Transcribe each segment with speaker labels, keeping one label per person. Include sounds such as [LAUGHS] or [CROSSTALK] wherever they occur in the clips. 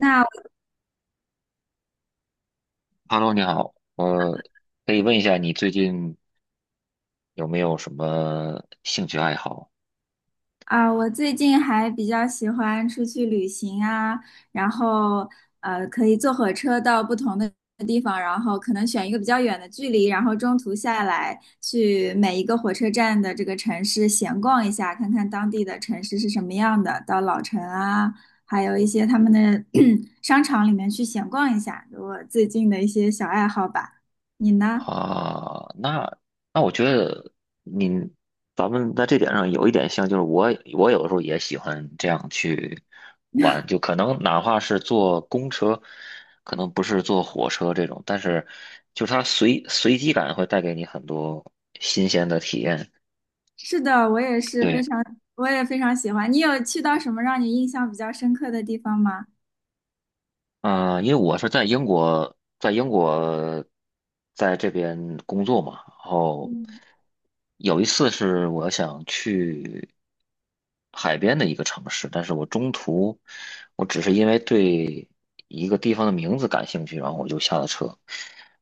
Speaker 1: 那
Speaker 2: Hello，你好，我可以问一下你最近有没有什么兴趣爱好
Speaker 1: 啊、我最近还比较喜欢出去旅行啊，然后可以坐火车到不同的地方，然后可能选一个比较远的距离，然后中途下来去每一个火车站的这个城市闲逛一下，看看当地的城市是什么样的，到老城啊，还有一些他们的 [CLEARS THROAT] 商场里面去闲逛一下，我最近的一些小爱好吧。你呢？
Speaker 2: 啊？那我觉得你咱们在这点上有一点像，就是我有的时候也喜欢这样去玩，就可能哪怕是坐公车，可能不是坐火车这种，但是就是它随机感会带给你很多新鲜的体验。
Speaker 1: 是的，我也是非
Speaker 2: 对。
Speaker 1: 常，我也非常喜欢。你有去到什么让你印象比较深刻的地方吗？
Speaker 2: 因为我是在英国，在这边工作嘛，然后
Speaker 1: 嗯，
Speaker 2: 有一次是我想去海边的一个城市，但是我中途只是因为对一个地方的名字感兴趣，然后我就下了车，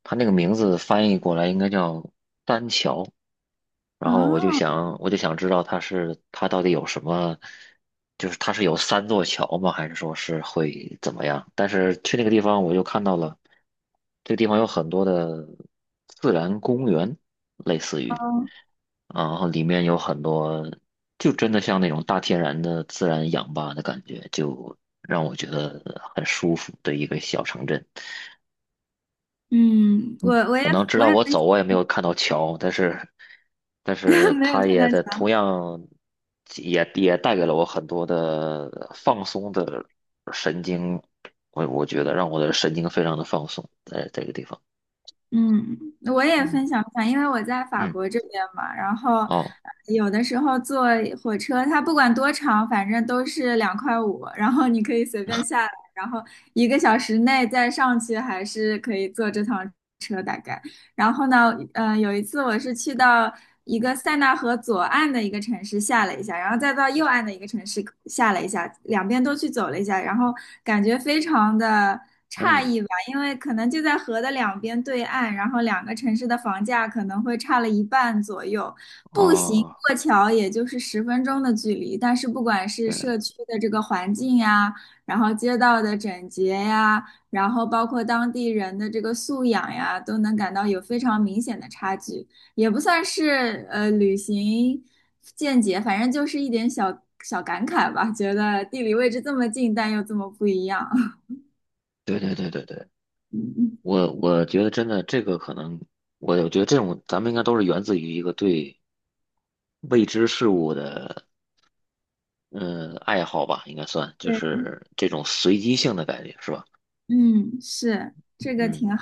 Speaker 2: 它那个名字翻译过来应该叫丹桥。我就想知道它到底有什么，就是它是有三座桥吗？还是说是会怎么样？但是去那个地方，我就看到了这个地方有很多的自然公园，类似于，
Speaker 1: 哦，
Speaker 2: 然后里面有很多，就真的像那种大天然的自然氧吧的感觉，就让我觉得很舒服的一个小城镇。
Speaker 1: 嗯，我
Speaker 2: 嗯，
Speaker 1: 我也
Speaker 2: 可能直
Speaker 1: 我
Speaker 2: 到
Speaker 1: 也
Speaker 2: 我
Speaker 1: 分
Speaker 2: 走，我也没有看到桥，但是，但是
Speaker 1: 享 [LAUGHS] 没有
Speaker 2: 它
Speaker 1: 看到
Speaker 2: 也在同
Speaker 1: 墙，
Speaker 2: 样也带给了我很多的放松的神经，我觉得让我的神经非常的放松，在这个地方，
Speaker 1: 嗯，我也
Speaker 2: 嗯
Speaker 1: 分享一下，因为我在法
Speaker 2: 嗯。
Speaker 1: 国这边嘛，然后
Speaker 2: 哦
Speaker 1: 有的时候坐火车，它不管多长，反正都是2.5块，然后你可以随便下来，然后一个小时内再上去，还是可以坐这趟。概。然后呢，有一次我是去到一个塞纳河左岸的一个城市下了一下，然后再到右岸的一个城市下了一下，两边都去走了一下，然后感觉非常的诧
Speaker 2: 嗯
Speaker 1: 异吧，因为可能就在河的两边对岸，然后两个城市的房价可能会差了一半左右，步行
Speaker 2: 哦，
Speaker 1: 过桥也就是10分钟的距离，但是不管是
Speaker 2: 对
Speaker 1: 社区的这个环境呀，然后街道的整洁呀。然后包括当地人的这个素养呀，都能感到有非常明显的差距，也不算是旅行见解，反正就是一点小小感慨吧，觉得地理位置这么近，但又这么不一样。[LAUGHS]
Speaker 2: 对对对对，对，
Speaker 1: 嗯
Speaker 2: 我觉得真的这个可能，我觉得这种咱们应该都是源自于一个对未知事物的嗯，爱好吧，应该算，就
Speaker 1: 对，
Speaker 2: 是这种随机性的感觉，是吧？
Speaker 1: 嗯，是，这个挺
Speaker 2: 嗯，
Speaker 1: 好。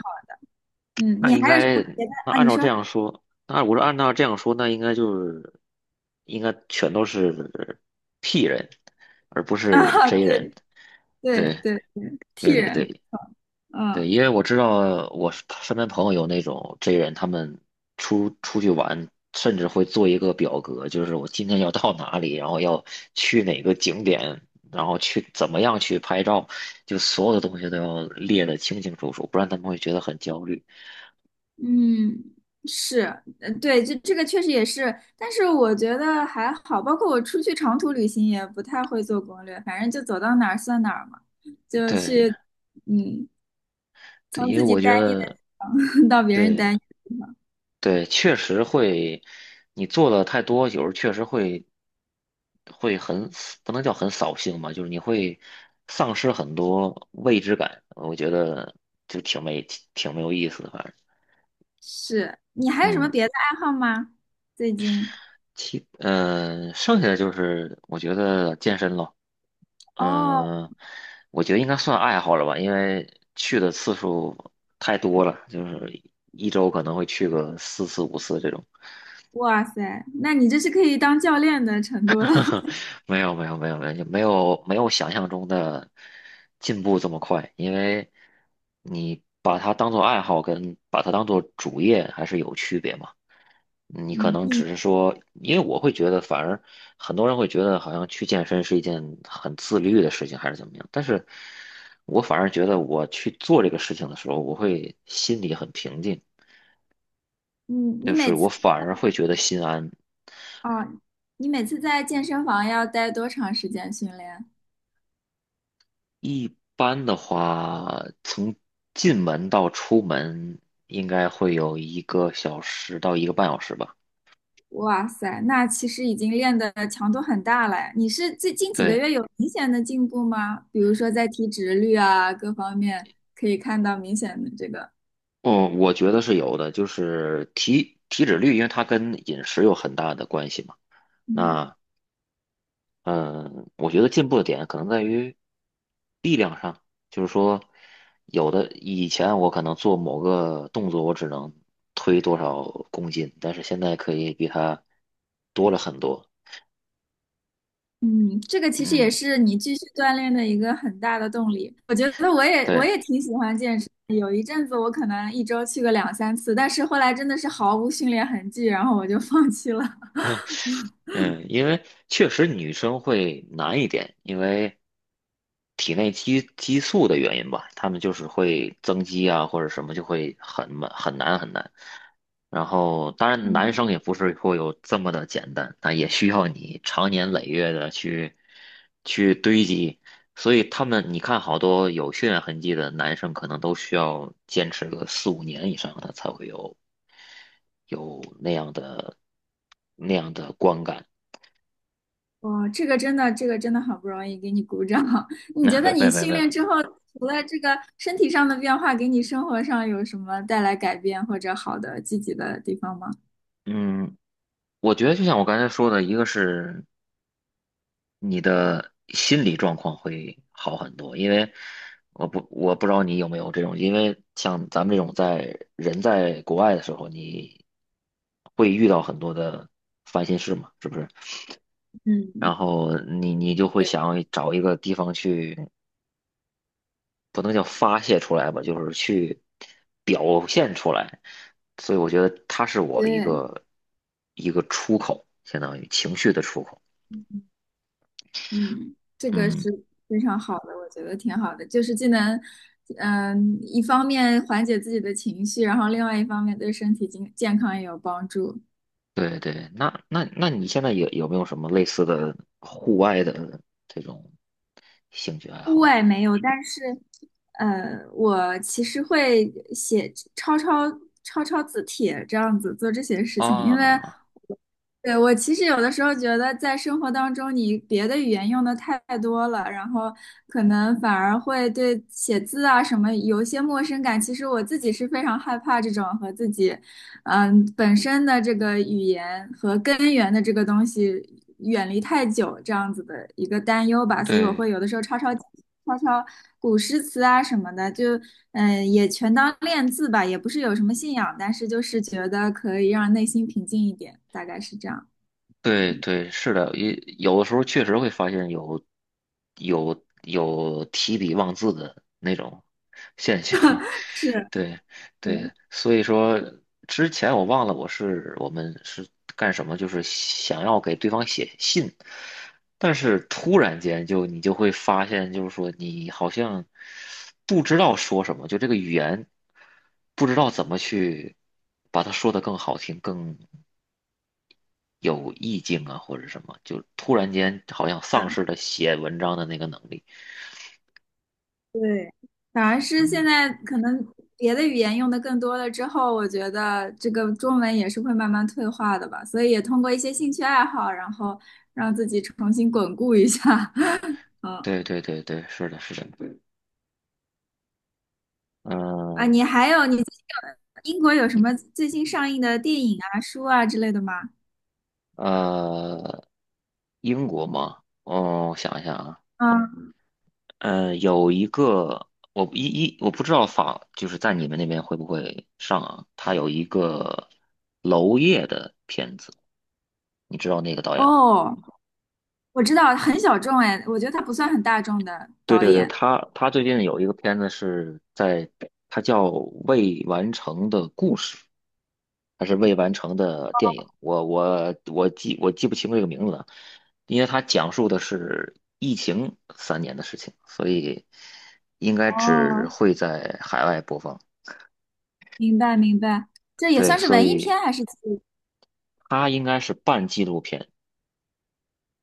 Speaker 1: 嗯，
Speaker 2: 那
Speaker 1: 你
Speaker 2: 应
Speaker 1: 还有什么
Speaker 2: 该，
Speaker 1: 别的
Speaker 2: 那
Speaker 1: 啊？
Speaker 2: 按
Speaker 1: 你
Speaker 2: 照这
Speaker 1: 说
Speaker 2: 样说，那我说按照这样说，那应该就是，应该全都是 P 人，而不
Speaker 1: 啊，
Speaker 2: 是
Speaker 1: [LAUGHS]
Speaker 2: J 人。
Speaker 1: 对对
Speaker 2: 对，
Speaker 1: 对对，替
Speaker 2: 对对
Speaker 1: 人，
Speaker 2: 对，
Speaker 1: 嗯。
Speaker 2: 对，因为我知道我身边朋友有那种 J 人，他们出去玩，甚至会做一个表格，就是我今天要到哪里，然后要去哪个景点，然后去怎么样去拍照，就所有的东西都要列得清清楚楚，不然他们会觉得很焦虑。
Speaker 1: 嗯，是，对，这个确实也是，但是我觉得还好，包括我出去长途旅行也不太会做攻略，反正就走到哪儿算哪儿嘛，就
Speaker 2: 对
Speaker 1: 去，嗯，
Speaker 2: 对，
Speaker 1: 从
Speaker 2: 因为
Speaker 1: 自己
Speaker 2: 我觉
Speaker 1: 待腻的
Speaker 2: 得，
Speaker 1: [LAUGHS] 到别人
Speaker 2: 对，
Speaker 1: 待腻的地方。
Speaker 2: 对，确实会，你做的太多，有时候确实会很死不能叫很扫兴吧，就是你会丧失很多未知感，我觉得就挺没挺没有意思的，反正
Speaker 1: 是，你还有什么
Speaker 2: 嗯，
Speaker 1: 别的爱好吗？最近？
Speaker 2: 剩下的就是我觉得健身咯，
Speaker 1: 哦，
Speaker 2: 嗯、我觉得应该算爱好了吧，因为去的次数太多了，就是一周可能会去个四次五次这种。
Speaker 1: 哇塞，那你这是可以当教练的程度了。
Speaker 2: [LAUGHS]
Speaker 1: [LAUGHS]
Speaker 2: 没有没有没有没有，就没有想象中的进步这么快，因为你把它当做爱好跟把它当做主业还是有区别嘛。你可
Speaker 1: 嗯，
Speaker 2: 能只
Speaker 1: 你，
Speaker 2: 是说，因为我会觉得，反而很多人会觉得好像去健身是一件很自律的事情，还是怎么样。但是我反而觉得，我去做这个事情的时候，我会心里很平静，
Speaker 1: 你，你
Speaker 2: 就
Speaker 1: 每
Speaker 2: 是我
Speaker 1: 次，
Speaker 2: 反而会觉得心安，
Speaker 1: 哦，你每次在健身房要待多长时间训练？
Speaker 2: 一般的话，从进门到出门应该会有一个小时到一个半小时吧。
Speaker 1: 哇塞，那其实已经练的强度很大了。你是最近几个
Speaker 2: 对，
Speaker 1: 月有明显的进步吗？比如说在体脂率啊各方面，可以看到明显的这个，
Speaker 2: 嗯，我觉得是有的，就是体脂率，因为它跟饮食有很大的关系嘛。
Speaker 1: 嗯
Speaker 2: 那嗯，我觉得进步的点可能在于力量上，就是说，有的以前我可能做某个动作，我只能推多少公斤，但是现在可以比它多了很多。
Speaker 1: 嗯，这个其实也
Speaker 2: 嗯，
Speaker 1: 是你继续锻炼的一个很大的动力。我觉得我也我
Speaker 2: 对。
Speaker 1: 也挺喜欢健身的，有一阵子我可能一周去个两三次，但是后来真的是毫无训练痕迹，然后我就放弃了。[LAUGHS]
Speaker 2: 嗯，因为确实女生会难一点，因为体内激素的原因吧，她们就是会增肌啊，或者什么就会很慢很难很难。然后，当然男
Speaker 1: 嗯。
Speaker 2: 生也不是会有这么的简单，那也需要你长年累月的去去堆积。所以他们，你看好多有血缘痕迹的男生，可能都需要坚持个四五年以上，他才会有有那样的那样的观感。
Speaker 1: 哇，这个真的，这个真的好不容易给你鼓掌。[LAUGHS]
Speaker 2: [LAUGHS]
Speaker 1: 你
Speaker 2: 那
Speaker 1: 觉得
Speaker 2: 没
Speaker 1: 你
Speaker 2: 没没
Speaker 1: 训
Speaker 2: 没
Speaker 1: 练之后，除了这个身体上的变化，给你生活上有什么带来改变或者好的积极的地方吗？
Speaker 2: 嗯，我觉得就像我刚才说的，一个是你的心理状况会好很多，因为我不知道你有没有这种，因为像咱们这种在人在国外的时候，你会遇到很多的烦心事嘛，是不是？
Speaker 1: 嗯，
Speaker 2: 然后你就会想找一个地方去，不能叫发泄出来吧，就是去表现出来。所以我觉得它是我一
Speaker 1: 对，
Speaker 2: 个一个出口，相当于情绪的出口。
Speaker 1: 嗯，这个是
Speaker 2: 嗯，
Speaker 1: 非常好的，我觉得挺好的，就是既能，嗯，一方面缓解自己的情绪，然后另外一方面对身体健康也有帮助。
Speaker 2: 对对，那那你现在有没有什么类似的户外的这种兴趣爱
Speaker 1: 户
Speaker 2: 好？
Speaker 1: 外没有，但是，呃，我其实会写抄字帖这样子做这些事情，因为
Speaker 2: 啊，
Speaker 1: 对我其实有的时候觉得在生活当中，你别的语言用的太多了，然后可能反而会对写字啊什么有一些陌生感。其实我自己是非常害怕这种和自己嗯，本身的这个语言和根源的这个东西远离太久，这样子的一个担忧吧，所以我
Speaker 2: 对
Speaker 1: 会有的时候抄古诗词啊什么的，就也全当练字吧，也不是有什么信仰，但是就是觉得可以让内心平静一点，大概是这样。
Speaker 2: 对对，是的，也有的时候确实会发现有有提笔忘字的那种现象，
Speaker 1: 是，
Speaker 2: 对
Speaker 1: 嗯，
Speaker 2: 对，所以说之前我忘了我们是干什么，就是想要给对方写信，但是突然间你就会发现，就是说你好像不知道说什么，就这个语言不知道怎么去把它说得更好听、更有意境啊，或者什么，就突然间好像丧
Speaker 1: 的。
Speaker 2: 失了写文章的那个能力。
Speaker 1: 对，反而是现
Speaker 2: 嗯，
Speaker 1: 在可能别的语言用的更多了之后，我觉得这个中文也是会慢慢退化的吧，所以也通过一些兴趣爱好，然后让自己重新巩固一下。[LAUGHS] 嗯
Speaker 2: 对对对对，是的，是的。
Speaker 1: 啊，你
Speaker 2: 嗯
Speaker 1: 还有你最近有英国有什么最新上映的电影啊、书啊之类的吗？
Speaker 2: 呃，英国吗？哦，我想一下啊，
Speaker 1: 嗯，
Speaker 2: 呃，有一个我一一我不知道就是在你们那边会不会上啊？他有一个娄烨的片子，你知道那个导演吗？
Speaker 1: 哦，我知道，很小众哎，我觉得他不算很大众的
Speaker 2: 对
Speaker 1: 导
Speaker 2: 对对，
Speaker 1: 演。
Speaker 2: 他最近有一个片子是在，他叫《未完成的故事》，还是未完成的电影，我记不清这个名字了，因为它讲述的是疫情三年的事情，所以应该只
Speaker 1: 哦，
Speaker 2: 会在海外播放。
Speaker 1: 明白明白，这也
Speaker 2: 对，
Speaker 1: 算是
Speaker 2: 所
Speaker 1: 文艺
Speaker 2: 以
Speaker 1: 片还是
Speaker 2: 它应该是半纪录片。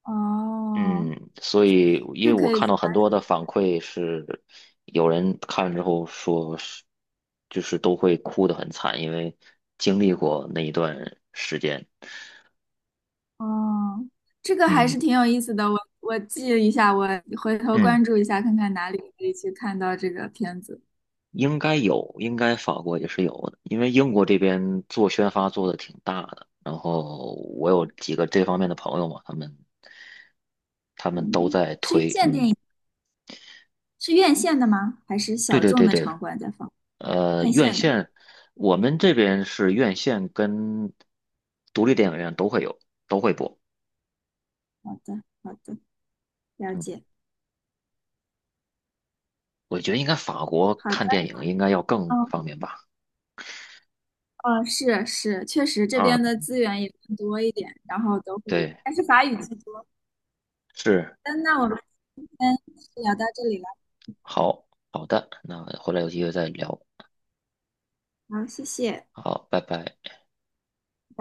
Speaker 1: 哦，
Speaker 2: 嗯，所以因为
Speaker 1: 这
Speaker 2: 我
Speaker 1: 可以
Speaker 2: 看
Speaker 1: 去
Speaker 2: 到很
Speaker 1: 关
Speaker 2: 多的
Speaker 1: 注。
Speaker 2: 反馈是，有人看了之后说是，就是都会哭得很惨，因为经历过那一段时间。
Speaker 1: 哦，这个还
Speaker 2: 嗯
Speaker 1: 是挺有意思的，我记一下，我回头
Speaker 2: 嗯。
Speaker 1: 关注一下，看看哪里可以去看到这个片子。
Speaker 2: 应该有，应该法国也是有的，因为英国这边做宣发做的挺大的，然后我有几个这方面的朋友嘛，他们都
Speaker 1: 嗯，
Speaker 2: 在
Speaker 1: 是院
Speaker 2: 推，
Speaker 1: 线电
Speaker 2: 嗯，
Speaker 1: 影，是院线的吗？还是
Speaker 2: 对
Speaker 1: 小
Speaker 2: 对
Speaker 1: 众
Speaker 2: 对
Speaker 1: 的
Speaker 2: 对，
Speaker 1: 场馆在放？
Speaker 2: 呃，
Speaker 1: 院
Speaker 2: 院
Speaker 1: 线的。
Speaker 2: 线，我们这边是院线跟独立电影院都会有，都会播，
Speaker 1: 好的，好的，了
Speaker 2: 嗯，
Speaker 1: 解。
Speaker 2: 我觉得应该法国
Speaker 1: 好的，
Speaker 2: 看电影应该要更
Speaker 1: 嗯，
Speaker 2: 方便吧，
Speaker 1: 哦，是是，确实这
Speaker 2: 啊，
Speaker 1: 边的资源也更多一点，然后都会，
Speaker 2: 对，
Speaker 1: 但是法语居多。
Speaker 2: 是，
Speaker 1: 嗯，那我们今天就聊到这里了，
Speaker 2: 好，好的，那回来有机会再聊，
Speaker 1: 好，谢谢。
Speaker 2: 好，拜拜。